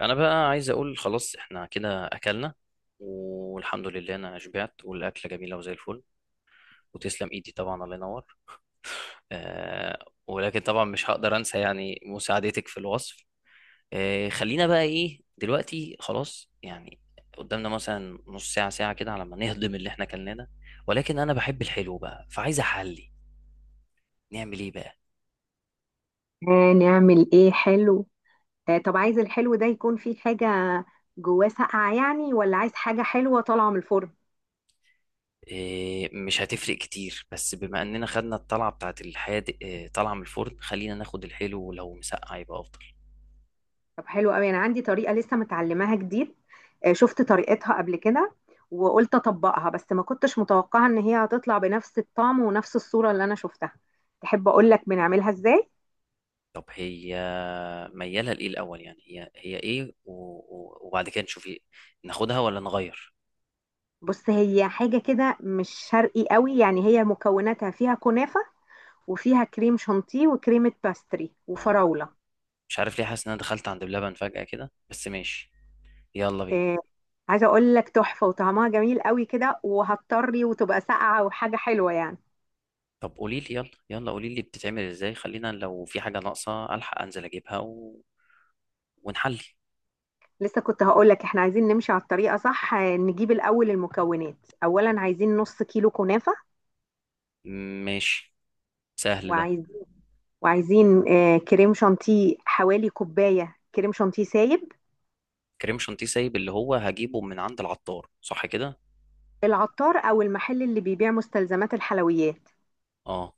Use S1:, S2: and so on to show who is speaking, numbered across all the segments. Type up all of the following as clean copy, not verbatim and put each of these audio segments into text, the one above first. S1: انا بقى عايز اقول خلاص احنا كده اكلنا. والحمد لله انا شبعت والاكله جميله وزي الفل. وتسلم ايدي طبعا، الله ينور. آه، ولكن طبعا مش هقدر انسى يعني مساعدتك في الوصف. خلينا بقى ايه دلوقتي، خلاص يعني. قدامنا مثلا نص ساعه ساعه كده على ما نهضم اللي احنا كلناه ده. ولكن انا بحب الحلو بقى، فعايز احلي. نعمل ايه بقى؟
S2: نعمل ايه حلو. طب عايز الحلو ده يكون فيه حاجة جواه ساقعة يعني، ولا عايز حاجة حلوة طالعة من الفرن؟
S1: مش هتفرق كتير، بس بما اننا خدنا الطلعه بتاعت الحادق، طالعه من الفرن، خلينا ناخد الحلو، ولو مسقع يبقى افضل.
S2: طب حلو قوي، انا عندي طريقة لسه متعلماها جديد. شفت طريقتها قبل كده وقلت اطبقها، بس ما كنتش متوقعة ان هي هتطلع بنفس الطعم ونفس الصورة اللي انا شفتها. تحب اقول لك بنعملها ازاي؟
S1: طب هي ميالة لإيه الأول؟ يعني هي إيه وبعد كده نشوف إيه، ناخدها ولا نغير؟
S2: بص، هي حاجة كده مش شرقي قوي، يعني هي مكوناتها فيها كنافة وفيها كريم شانتيه وكريمة باستري
S1: اه.
S2: وفراولة.
S1: مش عارف ليه حاسس إن أنا دخلت عند بلبن فجأة كده، بس ماشي، يلا بينا.
S2: آه، عايزه اقول لك تحفه، وطعمها جميل قوي كده، وهتطري وتبقى ساقعه وحاجه حلوه يعني.
S1: طب قولي لي، يلا يلا قولي لي، بتتعمل إزاي؟ خلينا لو في حاجة ناقصة ألحق أنزل أجيبها ونحلي.
S2: لسه كنت هقول لك احنا عايزين نمشي على الطريقه صح. نجيب الاول المكونات. اولا عايزين نص كيلو كنافه.
S1: ماشي، سهل ده.
S2: وعايز وعايزين كريم شانتيه، حوالي كوبايه كريم شانتيه سايب.
S1: كريم شانتيه سايب، اللي هو هجيبه من عند العطار، صح كده؟
S2: العطار او المحل اللي بيبيع مستلزمات الحلويات.
S1: اه،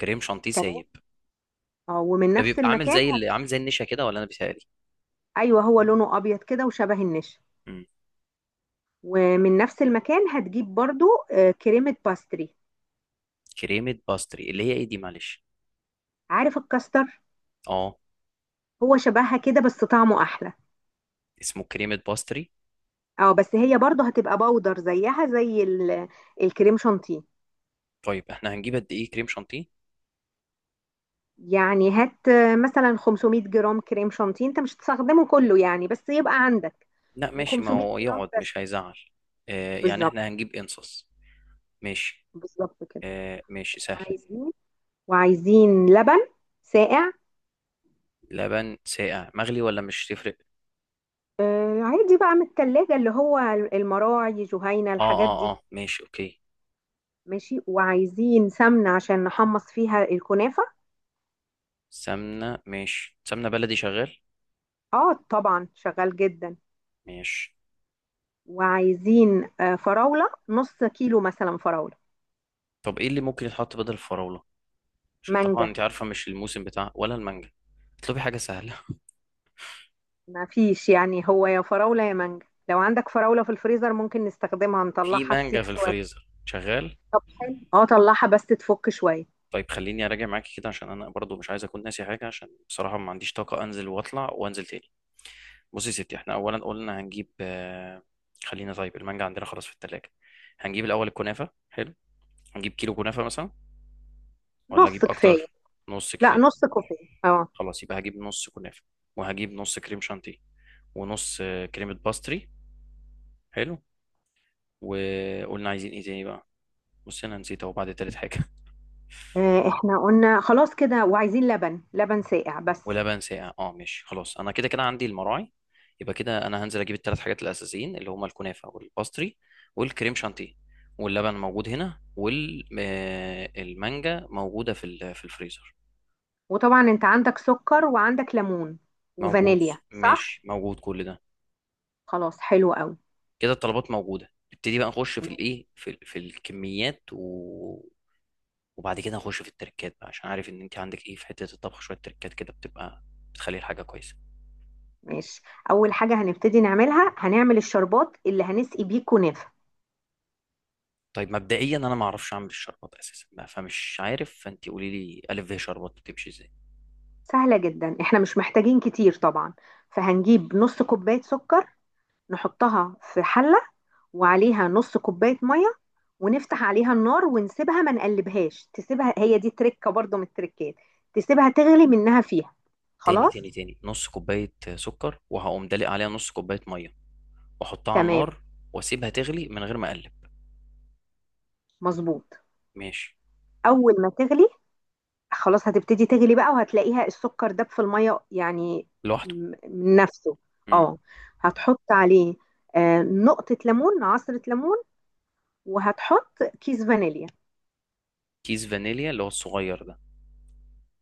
S1: كريم شانتيه
S2: تمام.
S1: سايب.
S2: اه، ومن
S1: ده
S2: نفس
S1: بيبقى عامل
S2: المكان
S1: زي اللي عامل زي النشا كده، ولا أنا بيتهيألي؟
S2: ايوه، هو لونه ابيض كده وشبه النشا. ومن نفس المكان هتجيب برضو كريمه باستري.
S1: كريمة باستري اللي هي ايه دي؟ معلش.
S2: عارف الكاستر؟
S1: اه.
S2: هو شبهها كده بس طعمه احلى.
S1: اسمه كريمة باستري.
S2: اه، بس هي برضه هتبقى باودر زيها زي الكريم شانتيه.
S1: طيب احنا هنجيب قد ايه كريم شانتيه؟
S2: يعني هات مثلا 500 جرام كريم شانتيه، انت مش هتستخدمه كله يعني، بس يبقى عندك.
S1: لا ماشي، ما
S2: و500
S1: هو
S2: جرام
S1: يقعد
S2: بس.
S1: مش هيزعل. آه، يعني
S2: بالظبط.
S1: احنا هنجيب انصص. ماشي،
S2: بالظبط كده.
S1: آه ماشي سهل.
S2: عايزين، وعايزين لبن ساقع.
S1: لبن ساقع مغلي ولا مش تفرق؟
S2: آه عادي بقى، من التلاجة اللي هو المراعي جهينة،
S1: اه
S2: الحاجات
S1: اه
S2: دي.
S1: اه، ماشي اوكي.
S2: ماشي. وعايزين سمنة عشان نحمص فيها الكنافة.
S1: سمنة، ماشي، سمنة بلدي شغال.
S2: اه طبعا شغال جدا.
S1: ماشي.
S2: وعايزين فراولة، نص كيلو مثلا فراولة.
S1: طب ايه اللي ممكن يتحط بدل الفراولة؟ عشان طبعا
S2: مانجا.
S1: انت عارفة مش الموسم بتاع ولا المانجا. اطلبي حاجة سهلة.
S2: ما فيش، يعني هو يا فراولة يا مانجا، لو عندك فراولة في الفريزر ممكن نستخدمها،
S1: في
S2: نطلعها
S1: مانجا في
S2: تسيح شوية.
S1: الفريزر شغال.
S2: طب حلو، اه طلعها بس تفك شوية.
S1: طيب خليني اراجع معاكي كده، عشان انا برضو مش عايز اكون ناسي حاجه، عشان بصراحه ما عنديش طاقه انزل واطلع وانزل تاني. بصي يا ستي، احنا اولا قلنا هنجيب خلينا، طيب المانجا عندنا خلاص في التلاجة. هنجيب الاول الكنافه، حلو. هنجيب كيلو كنافه مثلا، ولا
S2: نص
S1: اجيب
S2: كفاية.
S1: اكتر؟ نص
S2: لا،
S1: كفايه.
S2: نص كوباية. اه.
S1: خلاص، يبقى هجيب نص كنافه، وهجيب نص كريم شانتيه، ونص كريمه باستري. حلو. وقلنا عايزين ايه تاني بقى؟ بصي انا نسيت اهو بعد تالت حاجه.
S2: احنا قلنا خلاص كده، وعايزين لبن، لبن ساقع بس.
S1: ولبن ساقع، اه ماشي، خلاص انا كده كده عندي المراعي. يبقى كده انا هنزل اجيب الثلاث حاجات الاساسيين، اللي هما الكنافه والباستري والكريم شانتيه. واللبن موجود هنا، والمانجا موجوده في الفريزر.
S2: وطبعا انت عندك سكر، وعندك ليمون
S1: موجود.
S2: وفانيليا، صح؟
S1: ماشي، موجود كل ده.
S2: خلاص، حلو قوي.
S1: كده الطلبات موجوده، نبتدي بقى نخش في في الكميات وبعد كده نخش في التركات بقى، عشان عارف ان انت عندك ايه في حته الطبخ، شويه تركات كده بتبقى بتخلي الحاجه كويسه.
S2: ماشي. اول حاجة هنبتدي نعملها، هنعمل الشربات اللي هنسقي بيه كنافة.
S1: طيب مبدئيا انا ما اعرفش اعمل الشربات اساسا بقى، فمش عارف، فانت قولي لي الف ب شربات بتمشي ازاي.
S2: سهلة جدا، احنا مش محتاجين كتير طبعا. فهنجيب نص كوباية سكر، نحطها في حلة، وعليها نص كوباية مية، ونفتح عليها النار ونسيبها، ما نقلبهاش، تسيبها، هي دي تركة برضو من التركات. تسيبها تغلي منها فيها.
S1: تاني تاني
S2: خلاص.
S1: تاني نص كوبايه سكر، وهقوم دلق عليها نص كوبايه ميه، واحطها على
S2: تمام.
S1: النار، واسيبها تغلي من غير ما اقلب.
S2: مظبوط.
S1: ماشي.
S2: أول ما تغلي، خلاص هتبتدي تغلي بقى، وهتلاقيها السكر داب في المية يعني.
S1: لوحده؟
S2: من نفسه.
S1: مم.
S2: اه، هتحط عليه نقطة ليمون، عصرة ليمون، وهتحط كيس فانيليا.
S1: كيس فانيليا اللي هو الصغير ده؟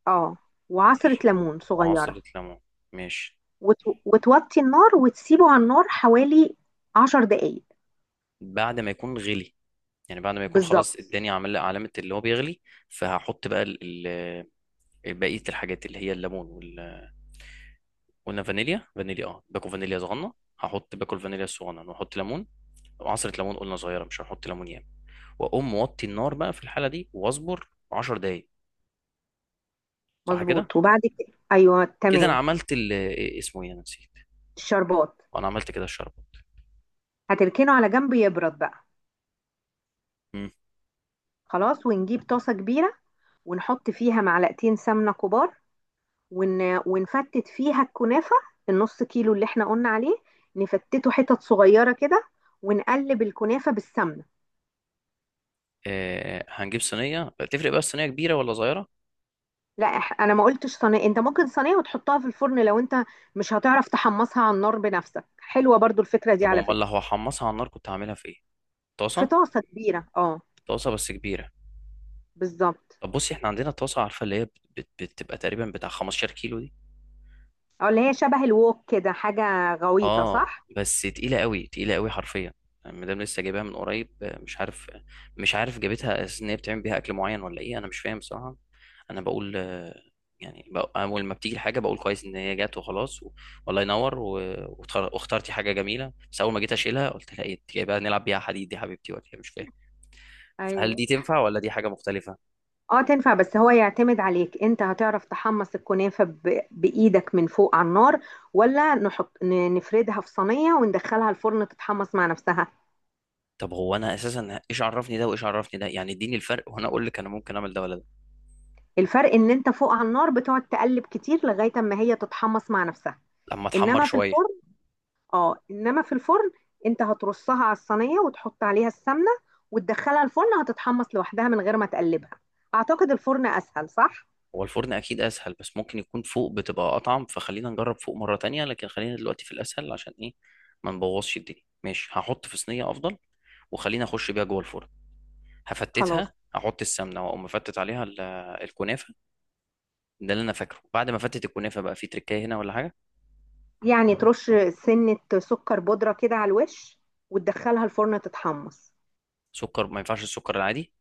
S2: اه، وعصرة
S1: ماشي،
S2: ليمون صغيرة.
S1: وعصره ليمون. ماشي.
S2: وتوطي النار وتسيبه على النار حوالي 10 دقايق.
S1: بعد ما يكون غلي، يعني بعد ما يكون خلاص
S2: بالظبط.
S1: اداني عمل علامه اللي هو بيغلي، فهحط بقى بقيه الحاجات اللي هي الليمون. قلنا فانيليا، باكل فانيليا صغنن. هحط باكل فانيليا الصغنن، واحط ليمون وعصرة ليمون، قلنا صغيرة، مش هحط ليمون ياما. واقوم موطي النار بقى في الحالة دي، واصبر 10 دقايق. صح كده؟
S2: مظبوط، وبعد كده، ايوه
S1: كده انا
S2: تمام.
S1: عملت ال إيه اسمه، ايه انا نسيت.
S2: الشربات
S1: انا عملت كده الشربة.
S2: هتركنه على جنب يبرد بقى.
S1: مم.
S2: خلاص، ونجيب طاسة كبيرة، ونحط فيها معلقتين سمنة كبار، ون... ونفتت فيها الكنافة، النص كيلو اللي احنا قلنا عليه، نفتته حتت صغيرة كده، ونقلب الكنافة بالسمنة.
S1: آه، هنجيب صينية، تفرق بقى الصينية كبيرة ولا صغيرة؟
S2: لا، انا ما قلتش صينيه، انت ممكن صينيه وتحطها في الفرن، لو انت مش هتعرف تحمصها على النار بنفسك. حلوه برضو الفكره دي،
S1: طب
S2: على
S1: امال لو
S2: فكره.
S1: هحمصها على النار كنت هعملها في ايه؟
S2: في
S1: طاسة.
S2: طاسه كبيره، اه.
S1: طاسة بس كبيرة.
S2: بالظبط.
S1: طب بصي احنا عندنا طاسة، عارفة اللي هي بتبقى تقريبا بتاع 15 كيلو دي،
S2: اه، اللي هي شبه الوok كده، حاجه غويطه
S1: اه.
S2: صح.
S1: بس تقيلة قوي تقيلة قوي حرفيا. المدام لسه جايباها من قريب، مش عارف جابتها اساس ان هي بتعمل بيها اكل معين ولا ايه، انا مش فاهم بصراحة. انا بقول آه، يعني اول ما بتيجي الحاجة بقول كويس ان هي جت وخلاص والله ينور واخترتي حاجة جميلة، بس اول ما جيت اشيلها قلت لها ايه، انت جايبها نلعب بيها حديد دي يا حبيبتي ولا إيه؟ مش فاهم، فهل
S2: ايوه.
S1: دي تنفع ولا دي حاجة مختلفة؟
S2: اه تنفع، بس هو يعتمد عليك انت، هتعرف تحمص الكنافه بايدك من فوق على النار، ولا نحط نفردها في صينيه وندخلها الفرن تتحمص مع نفسها.
S1: طب هو انا اساسا ايش عرفني ده وايش عرفني ده، يعني اديني الفرق، وانا اقول لك انا ممكن اعمل ده ولا ده.
S2: الفرق ان انت فوق على النار بتقعد تقلب كتير لغايه اما هي تتحمص مع نفسها.
S1: لما اتحمر
S2: انما في
S1: شوية.
S2: الفرن، اه انما في الفرن انت هترصها على الصينيه، وتحط عليها السمنه، وتدخلها الفرن، هتتحمص لوحدها من غير ما تقلبها. اعتقد الفرن اسهل، صح.
S1: هو الفرن اكيد اسهل، بس ممكن يكون فوق بتبقى اطعم، فخلينا نجرب فوق مرة تانية، لكن خلينا دلوقتي في الاسهل، عشان ايه، ما نبوظش الدنيا. ماشي، هحط في صينية افضل، وخلينا اخش بيها جوه الفرن.
S2: خلاص،
S1: هفتتها، هحط السمنة، واقوم مفتت عليها الكنافة. ده اللي انا فاكره. بعد ما افتت الكنافة بقى في تركاية هنا ولا حاجة؟
S2: يعني ترش سنه سكر بودره كده على الوش، وتدخلها الفرن تتحمص.
S1: سكر؟ ما ينفعش السكر العادي؟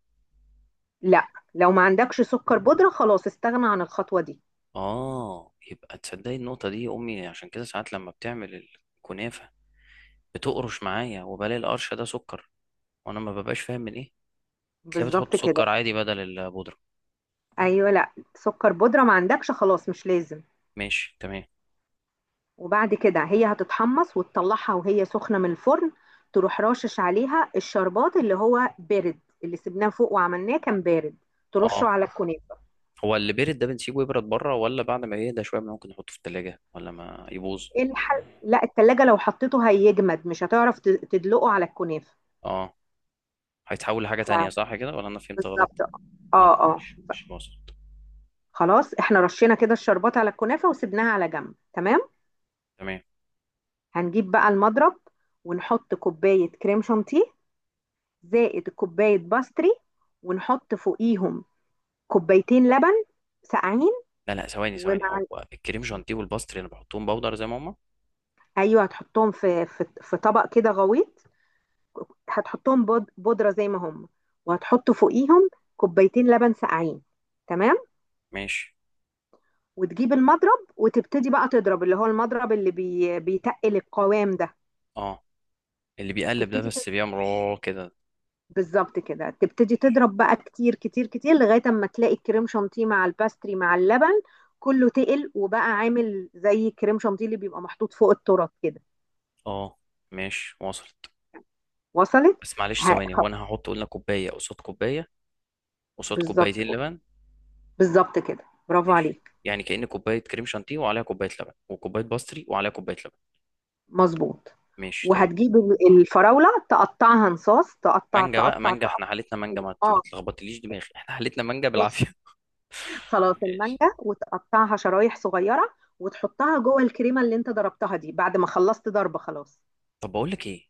S2: لا. لو ما عندكش سكر بودره، خلاص استغنى عن الخطوه دي.
S1: اه، يبقى تصدقي النقطة دي، امي عشان كده ساعات لما بتعمل الكنافة بتقرش معايا، وبلاقي القرش ده سكر، وانا ما ببقاش فاهم من ايه. تلاقيها بتحط
S2: بالظبط كده.
S1: سكر عادي بدل البودرة.
S2: ايوه، لا سكر بودره، ما عندكش خلاص مش لازم.
S1: ماشي، تمام.
S2: وبعد كده هي هتتحمص، وتطلعها وهي سخنة من الفرن، تروح راشش عليها الشربات اللي هو بارد، اللي سبناه فوق وعملناه كان بارد، ترشه
S1: اه،
S2: على الكنافة.
S1: هو اللي بيرد ده بنسيبه يبرد بره، ولا بعد ما يهدى شويه ممكن نحطه في التلاجة ولا ما يبوظ؟
S2: لا، التلاجة لو حطيته هيجمد، مش هتعرف تدلقه على الكنافة.
S1: اه، هيتحول لحاجه تانية،
S2: ف-
S1: صح كده ولا انا فهمت غلط؟
S2: بالظبط. اه،
S1: لا
S2: اه.
S1: ماشي، مش وصلت.
S2: خلاص، احنا رشينا كده الشربات على الكنافة وسبناها على جنب، تمام.
S1: تمام.
S2: هنجيب بقى المضرب، ونحط كوباية كريم شانتيه، زائد كوباية باستري، ونحط فوقيهم كوبايتين لبن ساقعين.
S1: لا لا، ثواني،
S2: ومع
S1: هو
S2: ال-
S1: الكريم جانتيه والباستري انا بحطهم بودر زي ما هما؟
S2: ايوه، هتحطهم في طبق كده غويط، هتحطهم بودره زي ما هم، وهتحط فوقيهم كوبايتين لبن ساقعين. تمام.
S1: ماشي.
S2: وتجيب المضرب وتبتدي بقى تضرب، اللي هو المضرب اللي بيتقل القوام ده.
S1: اه، اللي بيقلب ده،
S2: تبتدي ت-
S1: بس بيعمل راه كده؟
S2: بالظبط كده، تبتدي تضرب بقى كتير كتير كتير، لغايه اما تلاقي الكريم شانتيه مع الباستري مع اللبن كله تقل، وبقى عامل زي الكريم شانتيه اللي بيبقى محطوط فوق التورت كده.
S1: اه ماشي، وصلت.
S2: وصلت.
S1: بس معلش
S2: ه-
S1: ثواني،
S2: خ-
S1: هو انا هحط قلنا كوبايه قصاد كوبايه، قصاد
S2: بالظبط.
S1: كوبايتين لبن؟
S2: بالظبط كده، برافو
S1: ماشي.
S2: عليك.
S1: يعني كأن كوبايه كريم شانتيه وعليها كوبايه لبن، وكوبايه باستري وعليها كوبايه لبن.
S2: مضبوط.
S1: ماشي تمام.
S2: وهتجيب الفراولة تقطعها نصاص، تقطع
S1: مانجا بقى،
S2: تقطع
S1: مانجا،
S2: تقطع.
S1: احنا حالتنا مانجا، ما
S2: اه.
S1: تلخبطليش دماغي، احنا حالتنا مانجا
S2: ماشي.
S1: بالعافيه.
S2: خلاص،
S1: ماشي.
S2: المانجا وتقطعها شرايح صغيرة وتحطها جوه الكريمة اللي انت ضربتها دي، بعد ما خلصت ضرب خلاص.
S1: طب بقول لك ايه،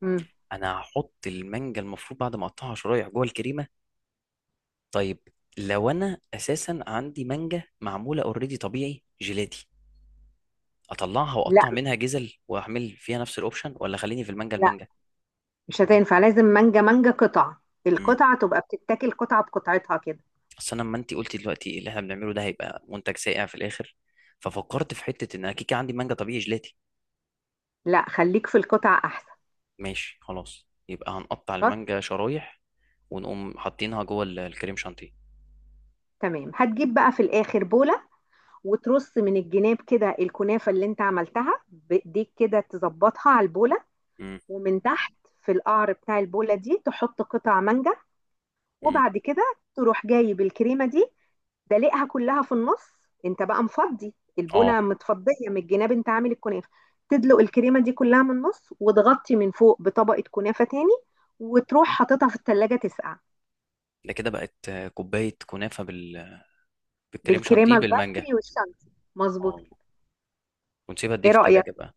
S2: مم.
S1: انا هحط المانجا، المفروض بعد ما اقطعها شرايح جوه الكريمه. طيب، لو انا اساسا عندي مانجا معموله اوريدي طبيعي جيلاتي، اطلعها
S2: لا
S1: واقطع منها جزل، واعمل فيها نفس الاوبشن، ولا خليني في المانجا
S2: لا،
S1: المانجا
S2: مش هتنفع، لازم مانجا مانجا قطع،
S1: امم.
S2: القطعة تبقى بتتاكل قطعة بقطعتها كده.
S1: اصل انا لما انت قلتي دلوقتي اللي احنا بنعمله ده هيبقى منتج سائع في الاخر، ففكرت في حته ان انا كيكه عندي مانجا طبيعي جيلاتي.
S2: لا، خليك في القطع احسن.
S1: ماشي خلاص، يبقى هنقطع
S2: خلاص.
S1: المانجا شرايح، ونقوم حاطينها جوه الكريم شانتيه.
S2: تمام. هتجيب بقى في الاخر بولة، وترص من الجناب كده الكنافة اللي انت عملتها بايديك كده، تظبطها على البولة.
S1: امم
S2: ومن تحت في القعر بتاع البولة دي تحط قطع مانجا.
S1: امم
S2: وبعد كده تروح جايب الكريمة دي، دلقها كلها في النص. انت بقى مفضي
S1: اه
S2: البولة، متفضية من الجناب، انت عامل الكنافة. تدلق الكريمة دي كلها من النص، وتغطي من فوق بطبقة كنافة تاني، وتروح حاططها في التلاجة تسقع.
S1: ده كده بقت كوبايه كنافه بالكريم شانتيه
S2: بالكريمة
S1: بالمانجا.
S2: الباستري والشانتي. مظبوط
S1: اه.
S2: كده.
S1: ونسيبها قد ايه
S2: ايه
S1: في
S2: رأيك؟
S1: التلاجة بقى؟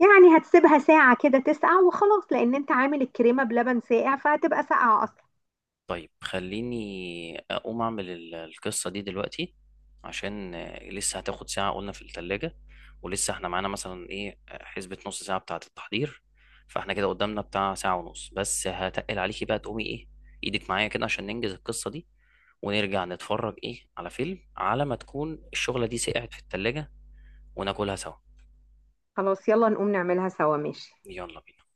S2: يعني هتسيبها ساعة كده تسقع وخلاص، لأن انت عامل الكريمة بلبن ساقع فهتبقى ساقعة أصلا.
S1: طيب خليني اقوم اعمل القصه دي دلوقتي، عشان لسه هتاخد ساعه قلنا في التلاجة، ولسه احنا معانا مثلا ايه، حسبه نص ساعه بتاعه التحضير، فاحنا كده قدامنا بتاع ساعه ونص، بس هتقل عليكي بقى تقومي ايه، ايدك معايا كده عشان ننجز القصه دي، ونرجع نتفرج ايه على فيلم على ما تكون الشغله دي سقعت في التلاجة، وناكلها سوا.
S2: خلاص، يلا نقوم نعملها سوا، ماشي.
S1: يلا بينا.